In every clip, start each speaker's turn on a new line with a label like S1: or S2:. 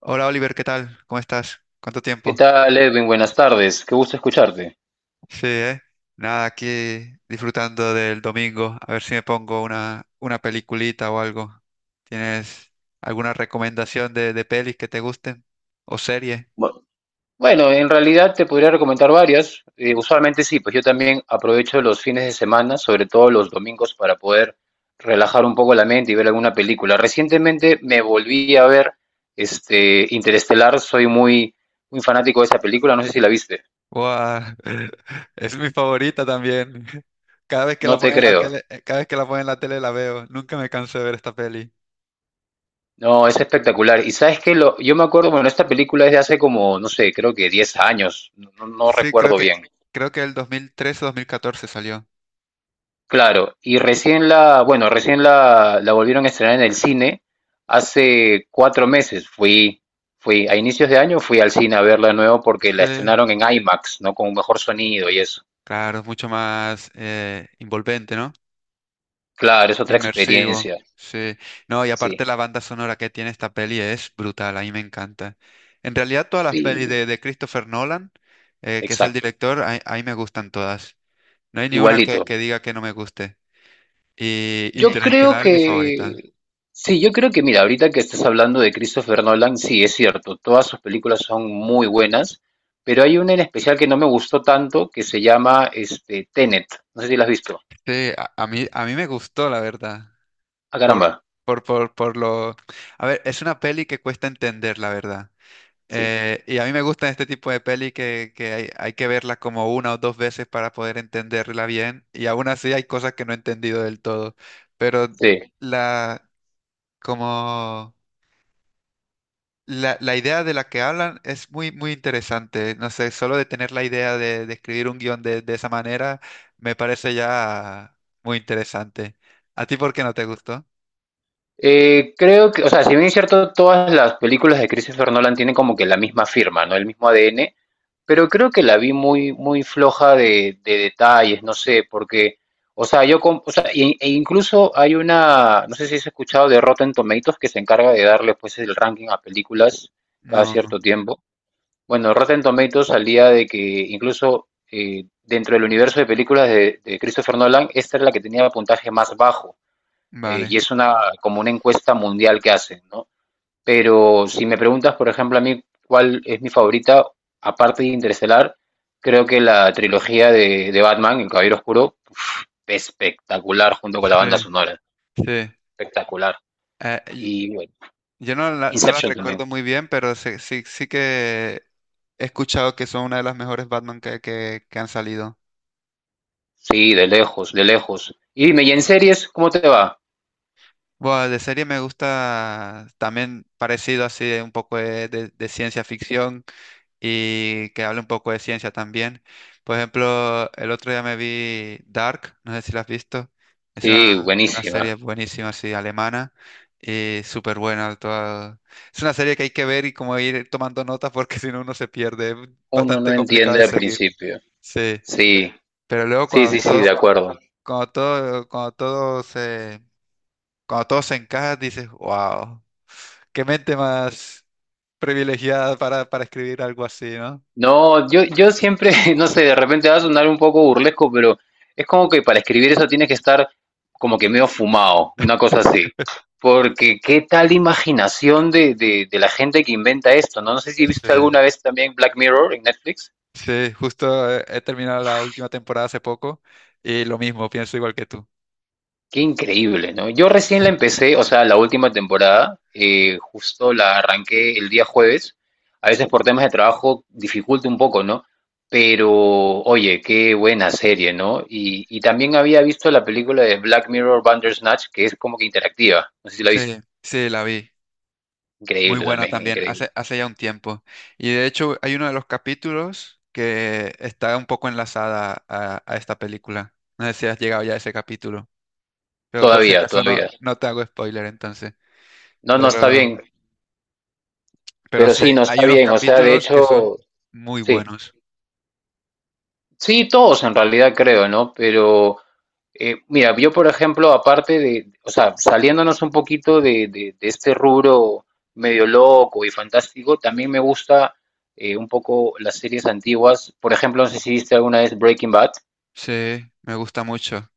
S1: Hola Oliver, ¿qué tal? ¿Cómo estás? ¿Cuánto
S2: ¿Qué
S1: tiempo?
S2: tal, Edwin? Buenas tardes. Qué gusto escucharte.
S1: Sí, ¿eh? Nada, aquí disfrutando del domingo. A ver si me pongo una peliculita o algo. ¿Tienes alguna recomendación de pelis que te gusten? ¿O serie?
S2: Bu- Bueno, en realidad te podría recomendar varias. Usualmente sí, pues yo también aprovecho los fines de semana, sobre todo los domingos, para poder relajar un poco la mente y ver alguna película. Recientemente me volví a ver este Interestelar. Soy muy, muy fanático de esa película. No sé si la viste.
S1: ¡Guau! Es mi favorita también. Cada vez que
S2: No
S1: la
S2: te
S1: ponen en la
S2: creo.
S1: tele, cada vez que la ponen en la tele la veo. Nunca me canso de ver esta peli.
S2: No, es espectacular. Y sabes que yo me acuerdo, bueno, esta película es de hace como, no sé, creo que 10 años. No
S1: Sí,
S2: recuerdo bien.
S1: creo que el 2013 o 2014 salió.
S2: Claro, y bueno, recién la volvieron a estrenar en el cine hace cuatro meses. Fui a inicios de año, fui al cine a verla de nuevo porque
S1: Sí.
S2: la estrenaron en IMAX, ¿no? Con un mejor sonido y eso.
S1: Claro, es mucho más envolvente, ¿no?
S2: Claro, es otra
S1: Inmersivo,
S2: experiencia.
S1: sí. No, y aparte
S2: Sí,
S1: la banda sonora que tiene esta peli es brutal, a mí me encanta. En realidad todas las pelis
S2: sí,
S1: de Christopher Nolan, que es el
S2: exacto.
S1: director, a mí me gustan todas. No hay ni una
S2: Igualito.
S1: que diga que no me guste. Y
S2: Yo creo
S1: Interestelar, mi favorita.
S2: que, sí, yo creo que, mira, ahorita que estás hablando de Christopher Nolan, sí, es cierto, todas sus películas son muy buenas, pero hay una en especial que no me gustó tanto, que se llama este, Tenet, no sé si la has visto.
S1: Sí, a mí, a mí me gustó, la verdad.
S2: Ah, caramba,
S1: Por, por lo... A ver, es una peli que cuesta entender, la verdad.
S2: sí,
S1: Y a mí me gustan este tipo de peli que hay que verla como una o dos veces para poder entenderla bien. Y aún así hay cosas que no he entendido del todo. Pero
S2: sí.
S1: la, como la idea de la que hablan es muy, muy interesante. No sé, solo de tener la idea de escribir un guión de esa manera me parece ya muy interesante. ¿A ti por qué no te gustó?
S2: Creo que, o sea, si bien es cierto, todas las películas de Christopher Nolan tienen como que la misma firma, ¿no? El mismo ADN, pero creo que la vi muy, muy floja de detalles, no sé, porque, o sea, o sea, e incluso hay una, no sé si has escuchado de Rotten Tomatoes que se encarga de darle pues el ranking a películas cada
S1: No,
S2: cierto tiempo. Bueno, Rotten Tomatoes salía de que incluso dentro del universo de películas de Christopher Nolan, esta es la que tenía el puntaje más bajo,
S1: vale.
S2: y es una, como una encuesta mundial que hacen, ¿no? Pero si me preguntas, por ejemplo, a mí cuál es mi favorita, aparte de Interestelar, creo que la trilogía de Batman, El Caballero Oscuro, espectacular junto con la
S1: Sí,
S2: banda sonora.
S1: sí.
S2: Espectacular.
S1: Eh,
S2: Y bueno,
S1: Yo no, la- no las
S2: Inception
S1: recuerdo
S2: también.
S1: muy bien, pero sí, sí, sí que he escuchado que son una de las mejores Batman que que han salido.
S2: Sí, de lejos, de lejos. Y dime, ¿y en series cómo te va?
S1: Bueno, de serie me gusta también parecido así, de un poco de de ciencia ficción y que hable un poco de ciencia también. Por ejemplo, el otro día me vi Dark, no sé si la has visto. Es
S2: Sí,
S1: una
S2: buenísima.
S1: serie buenísima así, alemana y súper buena. Toda- Es una serie que hay que ver y como ir tomando notas porque si no uno se pierde. Es
S2: Uno no
S1: bastante complicado
S2: entiende
S1: de
S2: al
S1: seguir.
S2: principio.
S1: Sí,
S2: Sí,
S1: pero luego
S2: sí, sí, sí, de acuerdo.
S1: cuando todo, cuando todo se, cuando todo se encaja, dices, wow, qué mente más privilegiada para escribir algo así, ¿no?
S2: No, yo siempre, no sé, de repente va a sonar un poco burlesco, pero es como que para escribir eso tienes que estar como que medio fumado, una cosa así. Porque qué tal imaginación de, de la gente que inventa esto, ¿no? No sé si
S1: Sí,
S2: viste alguna vez también Black Mirror en Netflix.
S1: sí, justo he terminado la última temporada hace poco y lo mismo, pienso igual que tú.
S2: Qué increíble, ¿no? Yo recién la
S1: Sí,
S2: empecé, o sea, la última temporada, justo la arranqué el día jueves. A veces por temas de trabajo dificulta un poco, ¿no? Pero, oye, qué buena serie, ¿no? Y también había visto la película de Black Mirror Bandersnatch, que es como que interactiva. No sé si la
S1: sí,
S2: viste.
S1: sí, la vi. Muy
S2: Increíble
S1: buena
S2: también,
S1: también,
S2: increíble.
S1: hace ya un tiempo. Y de hecho hay uno de los capítulos que está un poco enlazada a esta película. No sé si has llegado ya a ese capítulo. Pero por si
S2: Todavía,
S1: acaso no,
S2: todavía.
S1: no te hago spoiler entonces.
S2: No, no está bien,
S1: Pero, pero
S2: pero
S1: sí, hay,
S2: sí, no
S1: hay
S2: está
S1: unos
S2: bien. O sea, de
S1: capítulos que son
S2: hecho,
S1: muy
S2: sí.
S1: buenos.
S2: Sí, todos en realidad creo, ¿no? Pero... Mira, yo por ejemplo, aparte de, o sea, saliéndonos un poquito de, de este rubro medio loco y fantástico, también me gusta un poco las series antiguas. Por ejemplo, no sé si viste alguna vez Breaking Bad.
S1: Sí, me gusta mucho.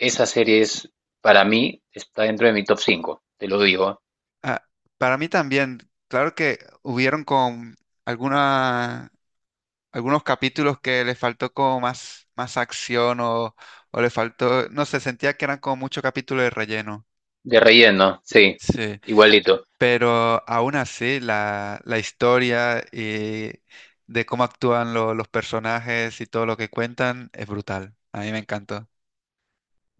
S2: Esa serie es, para mí, está dentro de mi top 5. Te lo digo.
S1: Ah, para mí también, claro que hubieron con alguna, algunos capítulos que le faltó como más, más acción o le faltó, no sé, sentía que eran como mucho capítulo de relleno.
S2: De relleno, sí,
S1: Sí.
S2: igualito.
S1: Pero aún así, la historia y de cómo actúan lo- los personajes y todo lo que cuentan es brutal. A mí me encantó.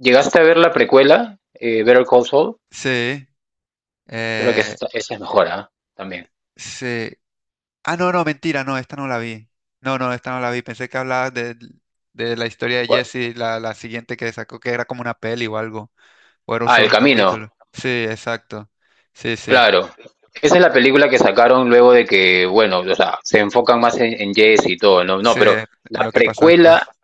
S2: ¿Llegaste a ver la precuela, Better Call Saul?
S1: Sí,
S2: Creo que
S1: eh,
S2: esa es mejor, ¿ah? También.
S1: sí. Ah, no, no, mentira, no, esta no la vi. No, no, esta no la vi. Pensé que hablabas de la historia de
S2: ¿Cuál?
S1: Jesse, la siguiente que sacó, que era como una peli o algo, o era un
S2: Ah, El
S1: solo capítulo.
S2: Camino.
S1: Sí, exacto. Sí, sí,
S2: Claro. Esa es la película que sacaron luego de que, bueno, o sea, se enfocan más en Jesse y todo, ¿no? No,
S1: sí,
S2: pero
S1: en
S2: la
S1: lo que pasó
S2: precuela,
S1: después.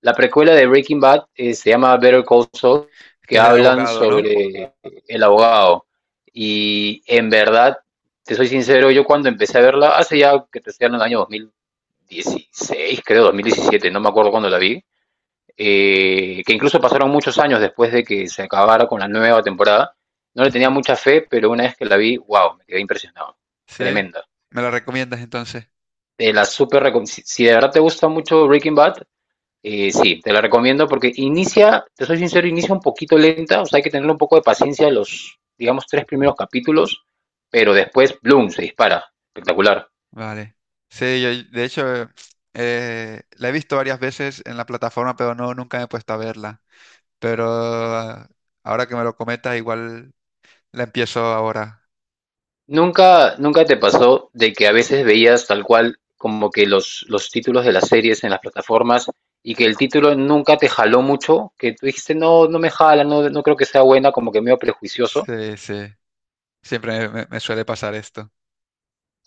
S2: la precuela de Breaking Bad se llama Better Call Saul, que
S1: Que es del
S2: hablan
S1: abogado, ¿no?
S2: sobre el abogado. Y en verdad, te soy sincero, yo cuando empecé a verla, hace ya que te estoy hablando del año 2016, creo, 2017, no me acuerdo cuándo la vi, que incluso pasaron muchos años después de que se acabara con la nueva temporada. No le tenía
S1: Sí.
S2: mucha fe, pero una vez que la vi, wow, me quedé impresionado.
S1: Sí.
S2: Tremenda.
S1: ¿Me la recomiendas entonces?
S2: Te la super recom- Si, si de verdad te gusta mucho Breaking Bad, sí, te la recomiendo porque inicia, te soy sincero, inicia un poquito lenta, o sea, hay que tener un poco de paciencia los, digamos, tres primeros capítulos, pero después, bloom, se dispara. Espectacular.
S1: Vale. Sí, yo de hecho la he visto varias veces en la plataforma, pero no, nunca me he puesto a verla. Pero ahora que me lo comentas, igual la empiezo ahora.
S2: Nunca te pasó de que a veces veías tal cual como que los títulos de las series en las plataformas y que el título nunca te jaló mucho? Que tú dijiste, no, no me jala, no, no creo que sea buena, como que medio prejuicioso.
S1: Sí, sí. Siempre me, me suele pasar esto.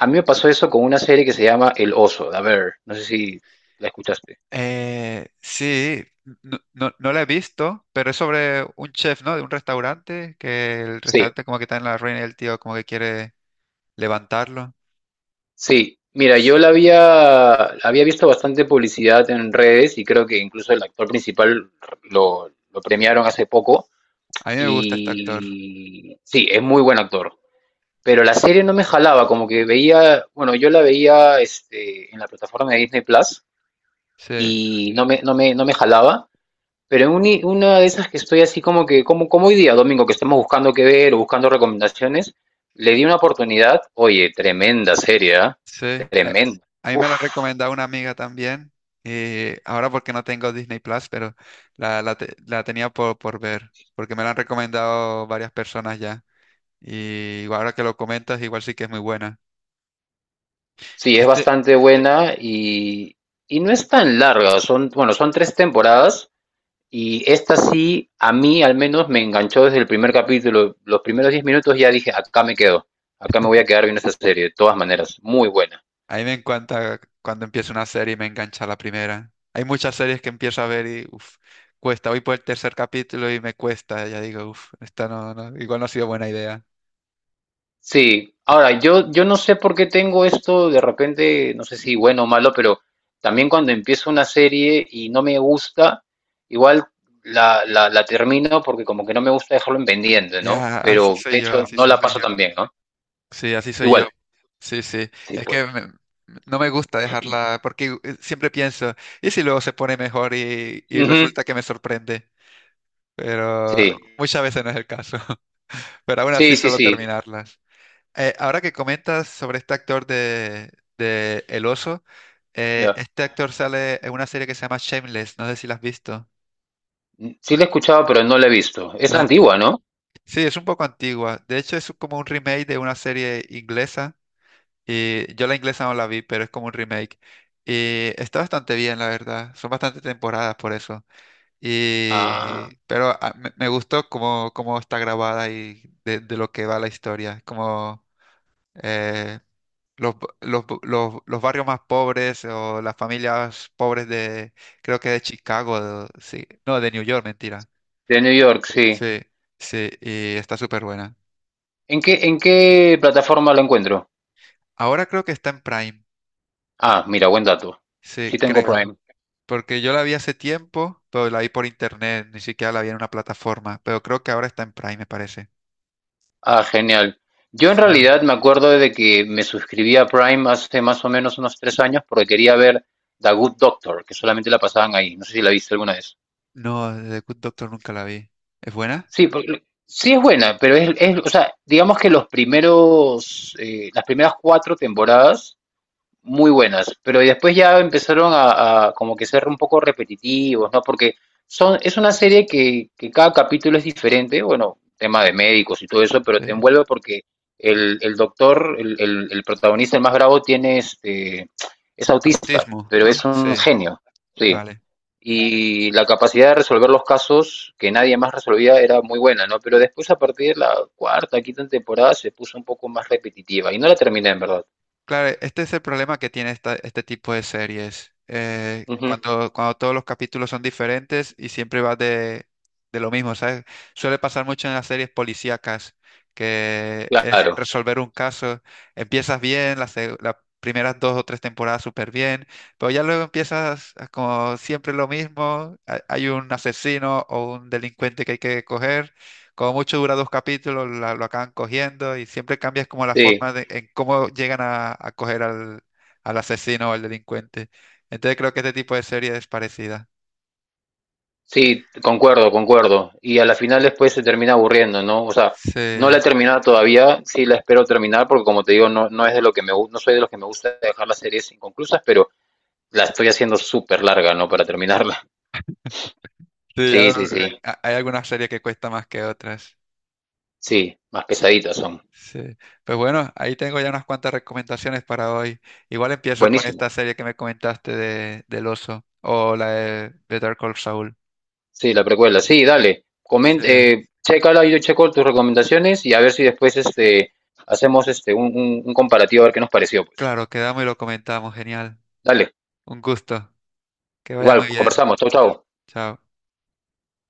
S2: A mí me pasó eso con una serie que se llama El Oso. A ver, no sé si la escuchaste.
S1: Sí, no, no, no la he visto, pero es sobre un chef, ¿no? De un restaurante, que el
S2: Sí,
S1: restaurante como que está en la ruina y el tío como que quiere levantarlo.
S2: sí. Mira,
S1: Sí.
S2: había visto bastante publicidad en redes y creo que incluso el actor principal lo premiaron hace poco.
S1: A mí me gusta este actor.
S2: Y sí, es muy buen actor. Pero la serie no me jalaba, como que veía, bueno, yo la veía este, en la plataforma de Disney Plus
S1: Sí.
S2: y no me jalaba. Pero en una de esas que estoy así como que, como, como hoy día, domingo, que estamos buscando qué ver o buscando recomendaciones, le di una oportunidad. Oye, tremenda serie, ¿ah?
S1: Sí,
S2: Tremenda.
S1: a mí
S2: Uf,
S1: me la recomendado una amiga también. Y ahora porque no tengo Disney Plus, pero la tenía por ver, porque me la han recomendado varias personas ya. Y ahora que lo comentas, igual sí que es muy buena.
S2: sí, es
S1: Este,
S2: bastante buena y no es tan larga. Son, bueno, son tres temporadas. Y esta sí, a mí al menos me enganchó desde el primer capítulo. Los primeros 10 minutos ya dije, acá me quedo. Acá me voy a quedar viendo esta serie, de todas maneras. Muy buena.
S1: a mí me encanta cuando empiezo una serie y me engancha la primera. Hay muchas series que empiezo a ver y uf, cuesta. Voy por el tercer capítulo y me cuesta. Ya digo, uff, esta no, no, igual no ha sido buena idea.
S2: Sí, ahora yo no sé por qué tengo esto de repente, no sé si bueno o malo, pero también cuando empiezo una serie y no me gusta, igual la termino porque como que no me gusta dejarlo en pendiente, ¿no?
S1: Ya, así
S2: Pero
S1: soy
S2: de
S1: yo,
S2: hecho
S1: así
S2: no
S1: soy
S2: la
S1: yo.
S2: paso tan bien, ¿no?
S1: Sí, así soy
S2: Igual,
S1: yo. Sí, sí.
S2: sí,
S1: Es que
S2: pues.
S1: me- no me gusta dejarla porque siempre pienso, ¿y si luego se pone mejor y
S2: Ujú.
S1: resulta que me sorprende? Pero
S2: Sí,
S1: muchas veces no es el caso. Pero aún
S2: sí,
S1: así
S2: sí,
S1: suelo
S2: sí.
S1: terminarlas. Ahora que comentas sobre este actor de El Oso,
S2: Ya.
S1: este actor sale en una serie que se llama Shameless, no sé si la has visto,
S2: Sí la he escuchado, pero no la he visto. Es
S1: ¿no?
S2: antigua, ¿no?
S1: Sí, es un poco antigua. De hecho, es como un remake de una serie inglesa. Y yo la inglesa no la vi, pero es como un remake. Y está bastante bien, la verdad. Son bastantes temporadas por eso. Y,
S2: Ah,
S1: pero me gustó cómo, cómo está grabada y de lo que va la historia. Como eh, los, los barrios más pobres o las familias pobres de, creo que de Chicago, de- sí. No, de New York, mentira.
S2: de New York, sí.
S1: Sí, sí, y está súper buena.
S2: En qué plataforma la encuentro?
S1: Ahora creo que está en Prime.
S2: Ah, mira, buen dato. Sí
S1: Sí,
S2: tengo
S1: creo.
S2: Prime.
S1: Porque yo la vi hace tiempo, pero la vi por internet, ni siquiera la vi en una plataforma. Pero creo que ahora está en Prime, me parece.
S2: Ah, genial. Yo en
S1: Sí.
S2: realidad me acuerdo de que me suscribí a Prime hace más o menos unos tres años porque quería ver The Good Doctor, que solamente la pasaban ahí. No sé si la viste alguna vez.
S1: No, The Good Doctor nunca la vi. ¿Es buena?
S2: Sí, sí es buena, pero o sea, digamos que los primeros, las primeras cuatro temporadas muy buenas, pero después ya empezaron a como que ser un poco repetitivos, ¿no? Porque son, es una serie que cada capítulo es diferente, bueno, tema de médicos y todo eso, pero te
S1: Sí.
S2: envuelve porque el doctor, el protagonista, el más bravo, tiene este, es autista,
S1: Autismo,
S2: pero
S1: ¿no?
S2: es un
S1: Sí,
S2: genio, sí.
S1: vale.
S2: Y la capacidad de resolver los casos que nadie más resolvía era muy buena, ¿no? Pero después, a partir de la cuarta, quinta temporada, se puso un poco más repetitiva y no la terminé, en verdad.
S1: Claro, este es el problema que tiene esta- este tipo de series.
S2: Ujú.
S1: Cuando, cuando todos los capítulos son diferentes y siempre va de lo mismo, ¿sabes? Suele pasar mucho en las series policíacas, que es
S2: Claro.
S1: resolver un caso. Empiezas bien, las primeras dos o tres temporadas súper bien, pero ya luego empiezas a como siempre lo mismo. Ha- Hay un asesino o un delincuente que hay que coger como mucho dura dos capítulos, lo acaban cogiendo y siempre cambias como la
S2: Sí,
S1: forma de, en cómo llegan a coger al asesino o al delincuente. Entonces creo que este tipo de serie es parecida.
S2: sí, concuerdo, concuerdo. Y a la final después se termina aburriendo, ¿no? O sea, no la
S1: Sí,
S2: he terminado todavía, sí la espero terminar porque como te digo, no, no es de lo que no soy de los que me gusta dejar las series inconclusas, pero la estoy haciendo súper larga, ¿no? Para terminarla.
S1: sí, ya
S2: Sí,
S1: lo-
S2: sí, sí.
S1: a- hay algunas series que cuesta más que otras.
S2: Sí, más pesaditas son.
S1: Sí. Pues bueno, ahí tengo ya unas cuantas recomendaciones para hoy. Igual empiezo con
S2: Buenísimo.
S1: esta serie que me comentaste del oso o la de Better Call Saul.
S2: Sí, la precuela. Sí, dale.
S1: Sí,
S2: Comenta, chécala, yo checo tus recomendaciones y a ver si después este hacemos este un comparativo a ver qué nos pareció, pues.
S1: claro, quedamos y lo comentamos. Genial.
S2: Dale.
S1: Un gusto. Que vaya
S2: Igual,
S1: muy bien.
S2: conversamos. Chau, chau.
S1: Chao.